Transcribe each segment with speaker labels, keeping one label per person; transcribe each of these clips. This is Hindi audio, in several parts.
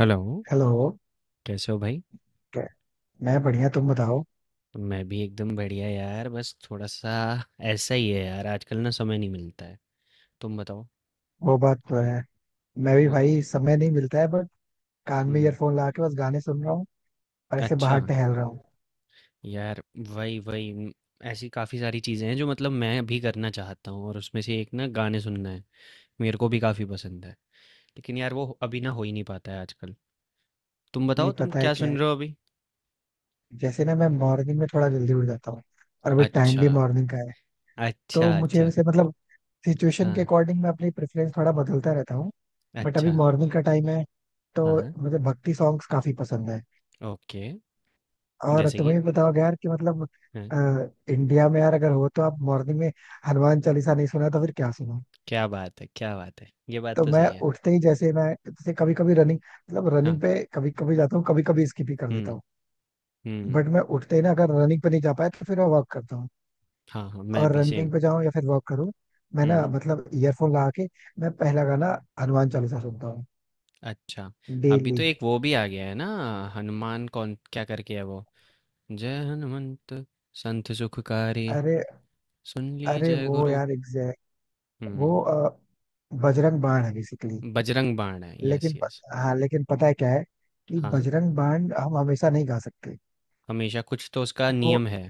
Speaker 1: Hello,
Speaker 2: hello.
Speaker 1: कैसे हो भाई?
Speaker 2: कै- मैं बढ़िया, तुम बताओ।
Speaker 1: मैं भी एकदम बढ़िया यार, बस थोड़ा-सा ऐसा ही है यार, आजकल ना समय नहीं मिलता है। तुम बताओ?
Speaker 2: वो बात तो है। मैं भी
Speaker 1: वो
Speaker 2: भाई समय नहीं मिलता है बट कान में
Speaker 1: हुँ,
Speaker 2: ईयरफोन लगा के बस गाने सुन रहा हूँ और ऐसे
Speaker 1: अच्छा,
Speaker 2: बाहर टहल रहा हूँ।
Speaker 1: यार वही वही उम, ऐसी काफ़ी सारी चीज़ें हैं जो मतलब मैं भी करना चाहता हूँ और उसमें से एक ना गाने सुनना है, मेरे को भी काफ़ी पसंद है। लेकिन यार वो अभी ना हो ही नहीं पाता है आजकल। तुम बताओ
Speaker 2: नहीं,
Speaker 1: तुम
Speaker 2: पता है
Speaker 1: क्या
Speaker 2: क्या है,
Speaker 1: सुन रहे हो अभी?
Speaker 2: जैसे ना मैं मॉर्निंग में थोड़ा जल्दी उठ जाता हूँ और अभी टाइम
Speaker 1: अच्छा,
Speaker 2: भी मॉर्निंग का है। तो
Speaker 1: अच्छा,
Speaker 2: मुझे
Speaker 1: अच्छा।
Speaker 2: वैसे मतलब सिचुएशन के
Speaker 1: हाँ,
Speaker 2: अकॉर्डिंग मैं अपनी प्रेफरेंस थोड़ा बदलता रहता हूँ। बट अभी
Speaker 1: अच्छा,
Speaker 2: मॉर्निंग का टाइम है तो
Speaker 1: हाँ,
Speaker 2: मुझे भक्ति सॉन्ग्स काफी पसंद है।
Speaker 1: ओके।
Speaker 2: और
Speaker 1: जैसे कि?
Speaker 2: तुम्हें भी बताओगे यार कि मतलब
Speaker 1: हाँ,
Speaker 2: इंडिया में यार, अगर हो तो आप मॉर्निंग में हनुमान चालीसा नहीं सुना तो फिर क्या सुना।
Speaker 1: क्या बात है, क्या बात है! ये बात
Speaker 2: तो
Speaker 1: तो
Speaker 2: मैं
Speaker 1: सही है।
Speaker 2: उठते ही, जैसे मैं, जैसे कभी कभी रनिंग मतलब
Speaker 1: हाँ।
Speaker 2: रनिंग पे कभी कभी जाता हूँ, कभी कभी स्किप ही कर देता
Speaker 1: हुँ,
Speaker 2: हूँ।
Speaker 1: हुँ।
Speaker 2: बट मैं उठते ही ना, अगर रनिंग पे नहीं जा पाया तो फिर मैं वॉक करता हूँ।
Speaker 1: हाँ, हाँ, मैं
Speaker 2: और
Speaker 1: भी सेम।
Speaker 2: रनिंग पे जाऊँ या फिर वॉक करूँ, मैं ना
Speaker 1: हुँ,
Speaker 2: मतलब ईयरफोन लगा के मैं पहला गाना हनुमान चालीसा सुनता हूँ
Speaker 1: अच्छा। अभी तो
Speaker 2: डेली।
Speaker 1: एक वो भी आ गया है ना हनुमान कौन क्या करके है वो? जय हनुमंत संत सुखकारी
Speaker 2: अरे
Speaker 1: सुन ली
Speaker 2: अरे,
Speaker 1: जय
Speaker 2: वो
Speaker 1: गुरु।
Speaker 2: यार एग्जैक्ट,
Speaker 1: हुँ,
Speaker 2: वो बजरंग बाण है बेसिकली।
Speaker 1: बजरंग बाण है। यस,
Speaker 2: लेकिन प-
Speaker 1: यस।
Speaker 2: हाँ, लेकिन पता है क्या है, कि
Speaker 1: हाँ,
Speaker 2: बजरंग बाण हम हमेशा नहीं गा सकते।
Speaker 1: हमेशा कुछ तो उसका
Speaker 2: वो
Speaker 1: नियम है।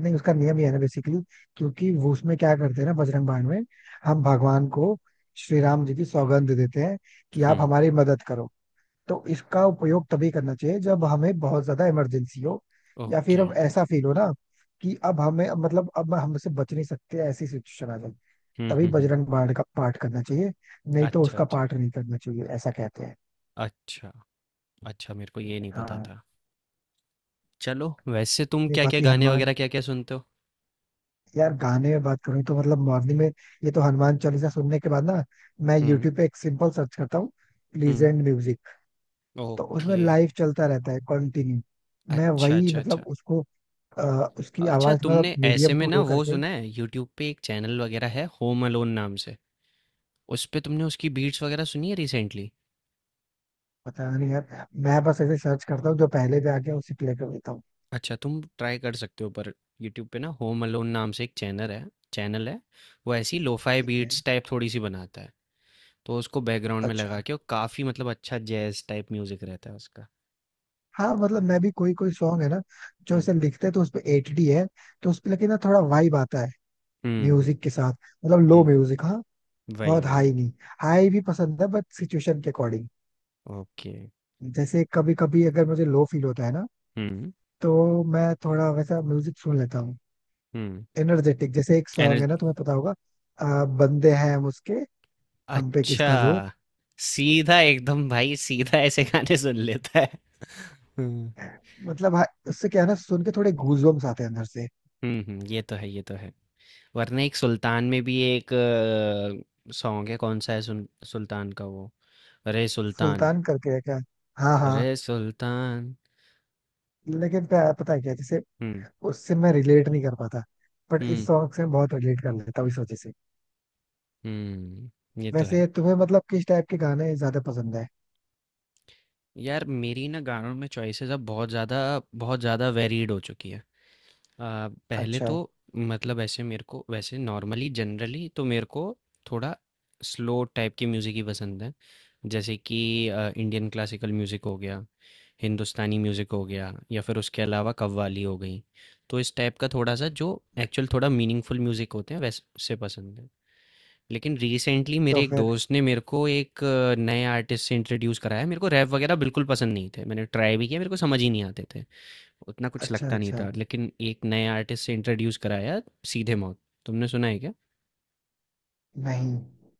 Speaker 2: नहीं, उसका नियम ये है ना बेसिकली। क्योंकि वो उसमें क्या करते हैं ना, बजरंग बाण में हम भगवान को श्री राम जी की सौगंध देते हैं कि
Speaker 1: हुँ,
Speaker 2: आप हमारी मदद करो। तो इसका उपयोग तभी करना चाहिए जब हमें बहुत ज्यादा इमरजेंसी हो, या फिर
Speaker 1: ओके।
Speaker 2: अब ऐसा फील हो ना कि अब हमें मतलब अब हमसे बच नहीं सकते, ऐसी सिचुएशन आ जाए,
Speaker 1: हुँ,
Speaker 2: तभी
Speaker 1: हुँ, हुँ।
Speaker 2: बजरंग बाण का पाठ करना चाहिए। नहीं तो
Speaker 1: अच्छा,
Speaker 2: उसका
Speaker 1: अच्छा।
Speaker 2: पाठ नहीं करना चाहिए, ऐसा कहते हैं।
Speaker 1: अच्छा, अच्छा मेरे को ये नहीं पता
Speaker 2: हाँ।
Speaker 1: था। चलो, वैसे तुम
Speaker 2: नहीं,
Speaker 1: क्या-क्या
Speaker 2: बाकी
Speaker 1: गाने
Speaker 2: हनुमान,
Speaker 1: वगैरह क्या-क्या सुनते हो?
Speaker 2: यार गाने में बात करूँ तो मतलब मॉर्निंग में, ये तो हनुमान चालीसा सुनने के बाद ना मैं
Speaker 1: हुँ,
Speaker 2: यूट्यूब पे एक सिंपल सर्च करता हूँ,
Speaker 1: हुँ।
Speaker 2: Pleasant music. तो उसमें
Speaker 1: ओके।
Speaker 2: लाइव चलता रहता है कंटिन्यू। मैं
Speaker 1: अच्छा,
Speaker 2: वही
Speaker 1: अच्छा, अच्छा।
Speaker 2: मतलब उसको अ, उसकी
Speaker 1: अच्छा
Speaker 2: आवाज मतलब
Speaker 1: तुमने ऐसे
Speaker 2: मीडियम
Speaker 1: में
Speaker 2: टू
Speaker 1: ना
Speaker 2: लो
Speaker 1: वो
Speaker 2: करके।
Speaker 1: सुना है यूट्यूब पे एक चैनल वगैरह है होम अलोन नाम से, उस पे तुमने उसकी बीट्स वगैरह सुनी है रिसेंटली?
Speaker 2: पता नहीं यार, मैं बस ऐसे सर्च करता हूँ, जो पहले पे आ गया उसे प्ले कर देता हूँ।
Speaker 1: अच्छा तुम ट्राई कर सकते हो पर, यूट्यूब पे ना होम अलोन नाम से एक चैनल है, चैनल है। वो ऐसी लोफाई
Speaker 2: ठीक है।
Speaker 1: बीट्स टाइप थोड़ी सी बनाता है, तो उसको बैकग्राउंड में लगा
Speaker 2: अच्छा।
Speaker 1: के, और काफ़ी मतलब अच्छा जैज टाइप म्यूजिक रहता है उसका।
Speaker 2: हाँ, मतलब मैं भी कोई कोई सॉन्ग है ना जो
Speaker 1: हम्म,
Speaker 2: ऐसे लिखते हैं तो उसपे एटीडी है। तो उसपे लेकिन ना थोड़ा वाइब आता है
Speaker 1: हम्म, हम्म,
Speaker 2: म्यूजिक के साथ, मतलब लो
Speaker 1: हम्म,
Speaker 2: म्यूजिक, हाँ।
Speaker 1: वही
Speaker 2: बहुत
Speaker 1: वही
Speaker 2: हाई
Speaker 1: वही
Speaker 2: नहीं। हाई भी पसंद है, बट सिचुएशन के अकॉर्डिंग।
Speaker 1: ओके।
Speaker 2: जैसे कभी कभी अगर मुझे लो फील होता है ना
Speaker 1: हम्म,
Speaker 2: तो मैं थोड़ा वैसा म्यूजिक सुन लेता हूँ।
Speaker 1: हम्म।
Speaker 2: एनर्जेटिक, जैसे एक सॉन्ग है ना तुम्हें पता होगा, बंदे हैं हम उसके, हम पे किसका जोर।
Speaker 1: अच्छा, सीधा एकदम भाई सीधा ऐसे गाने सुन लेता है। हुँ,
Speaker 2: मतलब हाँ, उससे क्या है ना, सुन के थोड़े गूजबम्स आते हैं अंदर से।
Speaker 1: हुँ, हुँ, ये तो है, ये तो है। वरना एक सुल्तान में भी एक सॉन्ग है, कौन सा है सुन सुल्तान का वो? रे सुल्तान,
Speaker 2: सुल्तान करके है क्या? हाँ
Speaker 1: रे
Speaker 2: हाँ।
Speaker 1: सुल्तान।
Speaker 2: पता है क्या, जैसे
Speaker 1: हुँ,
Speaker 2: उससे मैं रिलेट नहीं कर पाता। बट इस
Speaker 1: हुँ,
Speaker 2: सॉन्ग से मैं बहुत रिलेट कर लेता हूँ इस वजह से।
Speaker 1: हुँ, ये तो है।
Speaker 2: वैसे तुम्हें मतलब किस टाइप के गाने ज्यादा पसंद है?
Speaker 1: यार मेरी ना गानों में चॉइसेस अब बहुत ज़्यादा, बहुत ज़्यादा वेरीड हो चुकी है। पहले
Speaker 2: अच्छा।
Speaker 1: तो मतलब ऐसे मेरे को वैसे नॉर्मली जनरली तो मेरे को थोड़ा स्लो टाइप की म्यूज़िक ही पसंद है। जैसे कि इंडियन क्लासिकल म्यूज़िक हो गया, हिंदुस्तानी म्यूज़िक हो गया, या फिर उसके अलावा कव्वाली हो गई, तो इस टाइप का थोड़ा सा जो एक्चुअल थोड़ा मीनिंगफुल म्यूज़िक होते हैं वैसे पसंद है। लेकिन रिसेंटली
Speaker 2: तो
Speaker 1: मेरे एक
Speaker 2: फिर।
Speaker 1: दोस्त ने मेरे को एक नए आर्टिस्ट से इंट्रोड्यूस कराया। मेरे को रैप वगैरह बिल्कुल पसंद नहीं थे, मैंने ट्राई भी किया, मेरे को समझ ही नहीं आते थे, उतना कुछ
Speaker 2: अच्छा,
Speaker 1: लगता नहीं
Speaker 2: अच्छा।
Speaker 1: था। लेकिन एक नए आर्टिस्ट से इंट्रोड्यूस कराया, सीधे मौत। तुमने सुना है क्या?
Speaker 2: नहीं,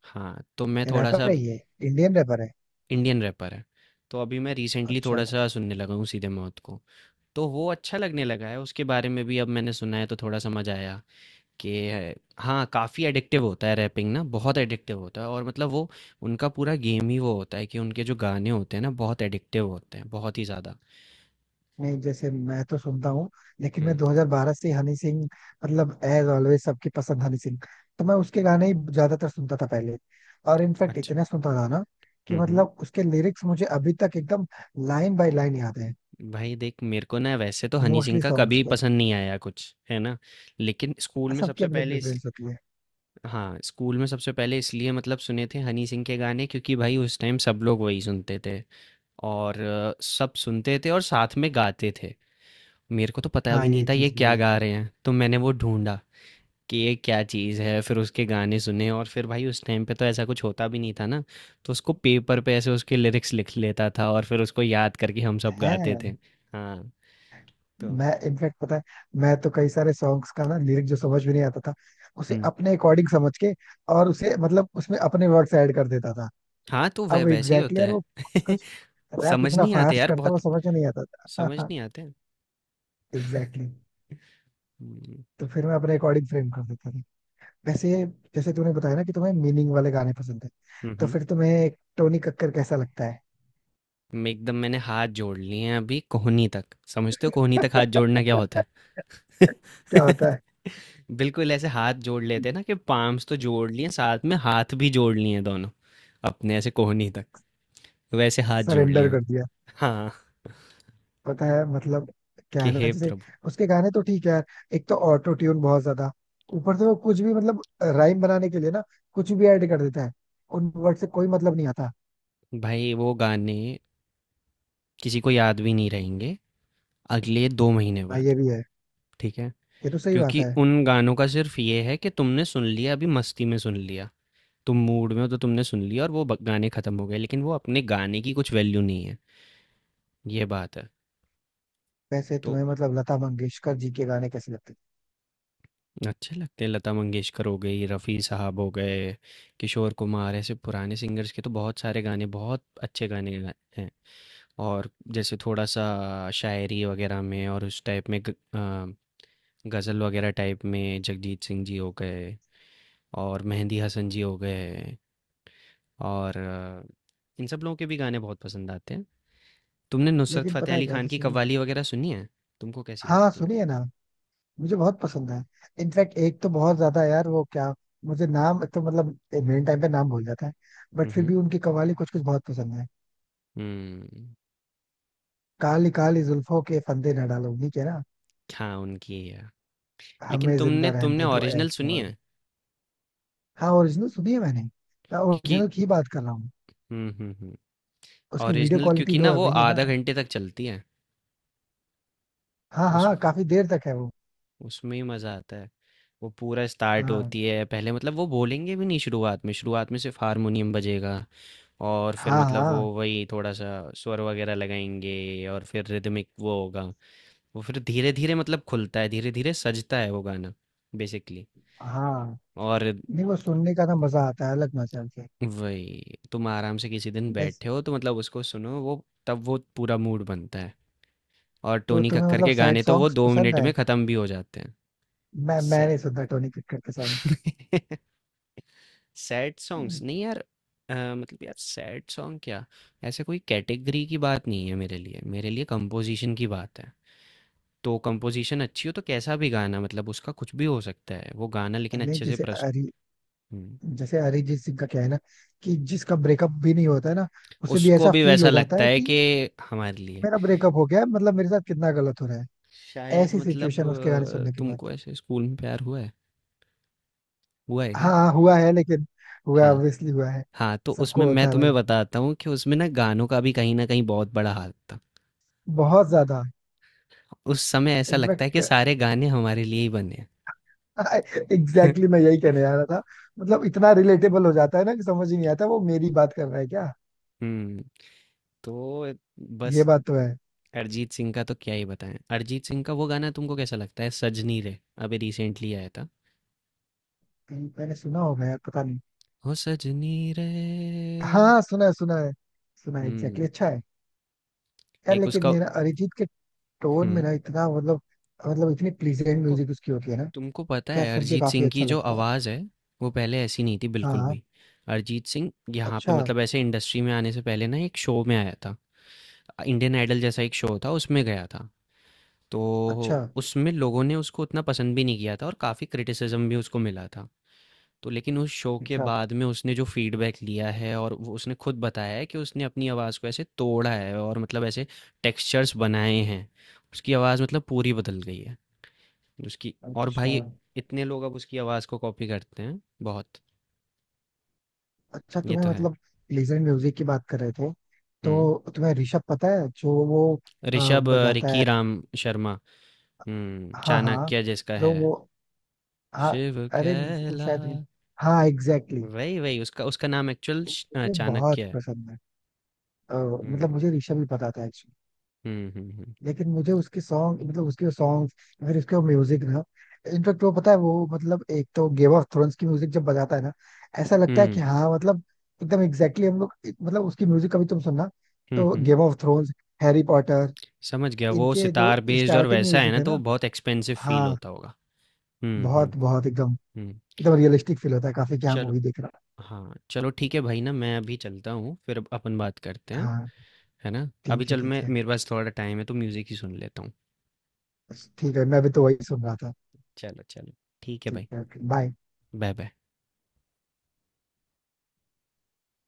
Speaker 1: हाँ तो मैं
Speaker 2: ये
Speaker 1: थोड़ा सा
Speaker 2: रैपर है,
Speaker 1: अब,
Speaker 2: ये इंडियन रैपर है।
Speaker 1: इंडियन रैपर है, तो अभी मैं रिसेंटली
Speaker 2: अच्छा।
Speaker 1: थोड़ा सा सुनने लगा हूँ सीधे मौत को। तो वो अच्छा लगने लगा है, उसके बारे में भी अब मैंने सुना है तो थोड़ा समझ आया कि है- हाँ काफ़ी एडिक्टिव होता है रैपिंग ना, बहुत एडिक्टिव होता है, और मतलब वो, उनका पूरा गेम ही वो होता है कि उनके जो गाने होते हैं ना बहुत एडिक्टिव होते हैं बहुत ही ज़्यादा।
Speaker 2: नहीं, जैसे मैं तो सुनता हूँ, लेकिन मैं
Speaker 1: हम्म।
Speaker 2: 2012 से हनी सिंह मतलब एज ऑलवेज सबकी पसंद हनी सिंह। तो मैं उसके गाने ही ज्यादातर सुनता था पहले। और इनफैक्ट
Speaker 1: अच्छा।
Speaker 2: इतना सुनता था ना कि
Speaker 1: हम्म, हम्म।
Speaker 2: मतलब उसके लिरिक्स मुझे अभी तक एकदम लाइन बाय लाइन याद है,
Speaker 1: भाई देख मेरे को ना वैसे तो हनी सिंह
Speaker 2: मोस्टली
Speaker 1: का
Speaker 2: सॉन्ग्स
Speaker 1: कभी
Speaker 2: के।
Speaker 1: पसंद नहीं आया कुछ है ना। लेकिन स्कूल में
Speaker 2: सबकी
Speaker 1: सबसे
Speaker 2: अपनी
Speaker 1: पहले इस,
Speaker 2: प्रेफरेंस होती है।
Speaker 1: हाँ स्कूल में सबसे पहले इसलिए मतलब सुने थे हनी सिंह के गाने क्योंकि भाई उस टाइम सब लोग वही सुनते थे। और सब सुनते थे और साथ में गाते थे। मेरे को तो पता
Speaker 2: हाँ,
Speaker 1: भी नहीं
Speaker 2: ये
Speaker 1: था ये
Speaker 2: चीज भी
Speaker 1: क्या
Speaker 2: है।
Speaker 1: गा रहे हैं तो मैंने वो ढूंढा कि ये क्या चीज़ है। फिर उसके गाने सुने और फिर भाई उस टाइम पे तो ऐसा कुछ होता भी नहीं था ना, तो उसको पेपर पे ऐसे उसके लिरिक्स लिख लेता था और फिर उसको याद करके हम सब गाते
Speaker 2: है।
Speaker 1: थे। हाँ तो,
Speaker 2: मैं इनफैक्ट, पता है, मैं तो कई सारे सॉन्ग्स का ना लिरिक जो समझ में नहीं आता था, उसे
Speaker 1: हम्म।
Speaker 2: अपने अकॉर्डिंग समझ के और उसे मतलब उसमें अपने वर्ड्स ऐड कर देता था।
Speaker 1: हाँ, तो वै
Speaker 2: अब
Speaker 1: वैसे
Speaker 2: एग्जैक्टली
Speaker 1: ही
Speaker 2: exactly
Speaker 1: होता
Speaker 2: यार, वो कुछ
Speaker 1: है।
Speaker 2: कुछ रैप
Speaker 1: समझ
Speaker 2: इतना
Speaker 1: नहीं आते
Speaker 2: फास्ट
Speaker 1: यार
Speaker 2: करता है वो
Speaker 1: बहुत,
Speaker 2: समझ में नहीं आता
Speaker 1: समझ
Speaker 2: था।
Speaker 1: नहीं आते।
Speaker 2: Exactly exactly.
Speaker 1: हुँ,
Speaker 2: तो फिर मैं अपने अकॉर्डिंग फ्रेम कर देता था वैसे। जैसे तूने बताया ना कि तुम्हें मीनिंग वाले गाने पसंद है,
Speaker 1: हुँ,
Speaker 2: तो
Speaker 1: हुँ।
Speaker 2: फिर तुम्हें टोनी कक्कर कैसा लगता है?
Speaker 1: मैं एकदम, मैंने हाथ जोड़ लिए हैं अभी कोहनी तक। समझते हो कोहनी तक हाथ जोड़ना क्या होता है?
Speaker 2: क्या होता है?
Speaker 1: बिल्कुल ऐसे हाथ जोड़ लेते हैं ना कि पाम्स तो जोड़ लिए, साथ में हाथ भी जोड़ लिए हैं दोनों, अपने ऐसे कोहनी तक, वैसे हाथ जोड़ लिए
Speaker 2: सरेंडर कर
Speaker 1: हैं।
Speaker 2: दिया।
Speaker 1: हाँ,
Speaker 2: पता है मतलब क्या
Speaker 1: कि
Speaker 2: है ना,
Speaker 1: हे
Speaker 2: जैसे
Speaker 1: प्रभु!
Speaker 2: उसके गाने तो ठीक है यार, एक तो ऑटो ट्यून बहुत ज्यादा, ऊपर से वो कुछ भी मतलब राइम बनाने के लिए ना कुछ भी ऐड कर देता है, उन वर्ड से कोई मतलब नहीं आता।
Speaker 1: भाई वो गाने किसी को याद भी नहीं रहेंगे अगले 2 महीने
Speaker 2: हाँ,
Speaker 1: बाद,
Speaker 2: ये भी है।
Speaker 1: ठीक है?
Speaker 2: ये तो सही बात
Speaker 1: क्योंकि
Speaker 2: है।
Speaker 1: उन गानों का सिर्फ ये है कि तुमने सुन लिया अभी मस्ती में सुन लिया। तुम मूड में हो तो तुमने सुन लिया और वो गाने खत्म हो गए, लेकिन वो अपने गाने की कुछ वैल्यू नहीं है। ये बात है।
Speaker 2: वैसे
Speaker 1: तो
Speaker 2: तुम्हें मतलब लता मंगेशकर जी के गाने कैसे लगते हैं?
Speaker 1: अच्छे लगते हैं, लता मंगेशकर हो गई, रफ़ी साहब हो गए, किशोर कुमार, ऐसे पुराने सिंगर्स के तो बहुत सारे गाने, बहुत अच्छे गाने हैं। और जैसे थोड़ा सा शायरी वगैरह में और उस टाइप में गज़ल वगैरह टाइप में जगजीत सिंह जी हो गए, और मेहंदी हसन जी हो गए, और इन सब लोगों के भी गाने बहुत पसंद आते हैं। तुमने नुसरत
Speaker 2: लेकिन
Speaker 1: फतेह
Speaker 2: पता है
Speaker 1: अली
Speaker 2: क्या,
Speaker 1: खान की
Speaker 2: जैसे,
Speaker 1: कव्वाली वगैरह सुनी है? तुमको कैसी
Speaker 2: हाँ
Speaker 1: लगती है?
Speaker 2: सुनिए ना, मुझे बहुत पसंद है। इनफैक्ट एक तो बहुत ज्यादा यार, वो क्या, मुझे नाम, एक तो मतलब मेन टाइम पे नाम भूल जाता है, बट फिर भी
Speaker 1: हम्म,
Speaker 2: उनकी कव्वाली कुछ कुछ बहुत पसंद है।
Speaker 1: हम्म,
Speaker 2: काली काली जुल्फों के फंदे न डालो उन्हीं के ना,
Speaker 1: हाँ उनकी ही है। लेकिन
Speaker 2: हमें जिंदा
Speaker 1: तुमने तुमने
Speaker 2: रहने दो
Speaker 1: ओरिजिनल
Speaker 2: एक्स
Speaker 1: सुनी
Speaker 2: मॉडल।
Speaker 1: है?
Speaker 2: हाँ, ओरिजिनल सुनी है मैंने, मैं
Speaker 1: क्योंकि,
Speaker 2: ओरिजिनल की बात कर रहा हूँ।
Speaker 1: हम्म, हम्म, हम्म,
Speaker 2: उसकी वीडियो
Speaker 1: ओरिजिनल
Speaker 2: क्वालिटी
Speaker 1: क्योंकि
Speaker 2: लो
Speaker 1: ना
Speaker 2: है
Speaker 1: वो
Speaker 2: वही है ना।
Speaker 1: आधा घंटे तक चलती है।
Speaker 2: हाँ
Speaker 1: उस,
Speaker 2: हाँ, काफी देर तक है वो।
Speaker 1: उसमें ही मज़ा आता है। वो पूरा स्टार्ट
Speaker 2: हाँ,
Speaker 1: होती है पहले, मतलब वो बोलेंगे भी नहीं शुरुआत में, शुरुआत में सिर्फ हारमोनियम बजेगा। और फिर
Speaker 2: हाँ।
Speaker 1: मतलब वो
Speaker 2: हाँ,
Speaker 1: वही थोड़ा सा स्वर वगैरह लगाएंगे और फिर रिदमिक वो होगा। वो फिर धीरे धीरे मतलब खुलता है, धीरे धीरे सजता है वो गाना, बेसिकली।
Speaker 2: हाँ।
Speaker 1: और
Speaker 2: नहीं, वो सुनने का ना मजा आता है, अलग मजा आता है।
Speaker 1: वही, तुम आराम से किसी दिन
Speaker 2: वैसे,
Speaker 1: बैठे हो तो मतलब उसको सुनो, वो तब वो पूरा मूड बनता है। और
Speaker 2: तो
Speaker 1: टोनी
Speaker 2: तुम्हें
Speaker 1: कक्कर
Speaker 2: मतलब
Speaker 1: के
Speaker 2: सैड
Speaker 1: गाने तो वो
Speaker 2: सॉन्ग्स
Speaker 1: दो
Speaker 2: पसंद
Speaker 1: मिनट
Speaker 2: है?
Speaker 1: में ख़त्म भी हो जाते हैं।
Speaker 2: मैं
Speaker 1: सै
Speaker 2: नहीं सुनता टोनी कक्कड़ के सॉन्ग्स।
Speaker 1: सैड सॉन्ग्स नहीं यार। मतलब यार सैड सॉन्ग क्या, ऐसे कोई कैटेगरी की बात नहीं है। मेरे लिए, मेरे लिए कंपोजिशन की बात है। तो कंपोजिशन अच्छी हो तो कैसा भी गाना, मतलब उसका कुछ भी हो सकता है वो गाना, लेकिन
Speaker 2: नहीं
Speaker 1: अच्छे से
Speaker 2: जैसे
Speaker 1: प्रस्तुत।
Speaker 2: अरि
Speaker 1: हम्म,
Speaker 2: जैसे अरिजीत सिंह का क्या है ना कि जिसका ब्रेकअप भी नहीं होता है ना उसे भी
Speaker 1: उसको
Speaker 2: ऐसा
Speaker 1: भी
Speaker 2: फील
Speaker 1: वैसा
Speaker 2: हो जाता
Speaker 1: लगता
Speaker 2: है
Speaker 1: है
Speaker 2: कि
Speaker 1: कि हमारे लिए,
Speaker 2: मेरा ब्रेकअप हो गया है, मतलब मेरे साथ कितना गलत हो रहा है,
Speaker 1: शायद
Speaker 2: ऐसी
Speaker 1: मतलब
Speaker 2: सिचुएशन उसके गाने सुनने के बाद।
Speaker 1: तुमको ऐसे स्कूल में प्यार हुआ है, हुआ है क्या?
Speaker 2: हाँ हाँ, हुआ है, लेकिन
Speaker 1: हाँ,
Speaker 2: हुआ ऑब्वियसली हुआ है,
Speaker 1: हाँ तो उसमें
Speaker 2: सबको
Speaker 1: मैं
Speaker 2: होता है
Speaker 1: तुम्हें
Speaker 2: भाई,
Speaker 1: बताता हूँ कि उसमें ना गानों का भी कहीं ना कहीं बहुत बड़ा हाथ था।
Speaker 2: बहुत ज्यादा।
Speaker 1: उस समय ऐसा लगता है
Speaker 2: इनफैक्ट
Speaker 1: कि सारे गाने हमारे लिए ही बने हैं।
Speaker 2: एग्जैक्टली मैं यही कहने जा रहा था, मतलब इतना रिलेटेबल हो जाता है ना कि समझ ही नहीं आता वो मेरी बात कर रहा है क्या।
Speaker 1: हम्म। तो,
Speaker 2: ये
Speaker 1: बस,
Speaker 2: बात तो है।
Speaker 1: अरिजीत सिंह का तो क्या ही बताएं। अरिजीत सिंह का वो गाना तुमको कैसा लगता है, सजनी रे? अभी रिसेंटली आया था,
Speaker 2: कहीं मैंने सुना होगा यार, पता नहीं।
Speaker 1: हो सजनी रे।
Speaker 2: हाँ, सुना है, सुना है। सुना है, एग्जैक्टली
Speaker 1: हम्म,
Speaker 2: अच्छा है। यार
Speaker 1: एक
Speaker 2: लेकिन
Speaker 1: उसका,
Speaker 2: ये ना अरिजीत के टोन में
Speaker 1: हम्म,
Speaker 2: ना इतना मतलब इतनी प्लीजेंट
Speaker 1: तुमको,
Speaker 2: म्यूजिक उसकी होती है ना,
Speaker 1: तुमको पता
Speaker 2: क्या
Speaker 1: है
Speaker 2: सुन के
Speaker 1: अरिजीत
Speaker 2: काफी
Speaker 1: सिंह की
Speaker 2: अच्छा
Speaker 1: जो
Speaker 2: लगता है।
Speaker 1: आवाज़ है, वो पहले ऐसी नहीं थी बिल्कुल
Speaker 2: हाँ।
Speaker 1: भी। अरिजीत सिंह यहाँ पे
Speaker 2: अच्छा,
Speaker 1: मतलब ऐसे इंडस्ट्री में आने से पहले ना एक शो में आया था, इंडियन आइडल जैसा एक शो था, उसमें गया था। तो
Speaker 2: अच्छा,
Speaker 1: उसमें लोगों ने उसको उतना पसंद भी नहीं किया था और काफ़ी क्रिटिसिज्म भी उसको मिला था। तो लेकिन उस शो के
Speaker 2: अच्छा,
Speaker 1: बाद में उसने जो फीडबैक लिया है, और वो उसने खुद बताया है कि उसने अपनी आवाज़ को ऐसे तोड़ा है और मतलब ऐसे टेक्सचर्स बनाए हैं। उसकी आवाज़ मतलब पूरी बदल गई है उसकी। और
Speaker 2: अच्छा।
Speaker 1: भाई इतने लोग अब उसकी आवाज़ को कॉपी करते हैं, बहुत।
Speaker 2: अच्छा,
Speaker 1: ये
Speaker 2: तुम्हें
Speaker 1: तो है।
Speaker 2: मतलब लेजर म्यूजिक की बात कर रहे थे,
Speaker 1: हुँ।
Speaker 2: तो तुम्हें ऋषभ पता है, जो वो अ,
Speaker 1: ऋषभ,
Speaker 2: बजाता
Speaker 1: रिकी
Speaker 2: है।
Speaker 1: राम शर्मा, हुँ,
Speaker 2: हाँ हाँ।
Speaker 1: चाणक्य जिसका
Speaker 2: जो
Speaker 1: है।
Speaker 2: वो। हाँ।
Speaker 1: शिव
Speaker 2: अरे वो
Speaker 1: कहला,
Speaker 2: शायद। हाँ एग्जैक्टली
Speaker 1: वही उसका, उसका नाम एक्चुअल
Speaker 2: exactly. मुझे बहुत
Speaker 1: चाणक्य है।
Speaker 2: पसंद है। अ, मतलब
Speaker 1: हुँ।
Speaker 2: मुझे ऋषभ ही पता था।
Speaker 1: हुँ, हुँ, हुँ।
Speaker 2: लेकिन मुझे उसके सॉन्ग मतलब उसके सॉन्ग फिर उसके म्यूजिक ना इनफेक्ट वो पता है, वो मतलब एक तो गेम ऑफ थ्रोन्स की म्यूजिक जब बजाता है ना, ऐसा लगता है
Speaker 1: हुँ।
Speaker 2: कि हाँ मतलब एकदम एग्जैक्टली exactly हम लोग, मतलब उसकी म्यूजिक कभी तुम सुनना,
Speaker 1: हुँ,
Speaker 2: तो
Speaker 1: हुँ।
Speaker 2: Game of Thrones, Harry Potter,
Speaker 1: समझ गया, वो
Speaker 2: इनके जो
Speaker 1: सितार बेस्ड और
Speaker 2: स्टार्टिंग
Speaker 1: वैसा है
Speaker 2: म्यूजिक
Speaker 1: ना,
Speaker 2: है
Speaker 1: तो वो
Speaker 2: ना,
Speaker 1: बहुत एक्सपेंसिव फ़ील
Speaker 2: हाँ
Speaker 1: होता होगा। हुँ, हुँ,
Speaker 2: बहुत बहुत एकदम
Speaker 1: हुँ।
Speaker 2: एकदम रियलिस्टिक फील होता है, काफी क्या
Speaker 1: चलो,
Speaker 2: मूवी देख रहा
Speaker 1: हाँ, चलो ठीक है भाई ना, मैं अभी चलता हूँ, फिर अब अपन बात करते
Speaker 2: है।
Speaker 1: हैं,
Speaker 2: हाँ।
Speaker 1: है ना? अभी
Speaker 2: ठीक है,
Speaker 1: चल, मैं,
Speaker 2: ठीक है।
Speaker 1: मेरे पास थोड़ा टाइम है तो म्यूज़िक ही सुन लेता हूँ।
Speaker 2: ठीक है, मैं भी तो वही सुन रहा था।
Speaker 1: चलो, चलो, ठीक है
Speaker 2: ठीक
Speaker 1: भाई,
Speaker 2: है। बाय।
Speaker 1: बाय-बाय।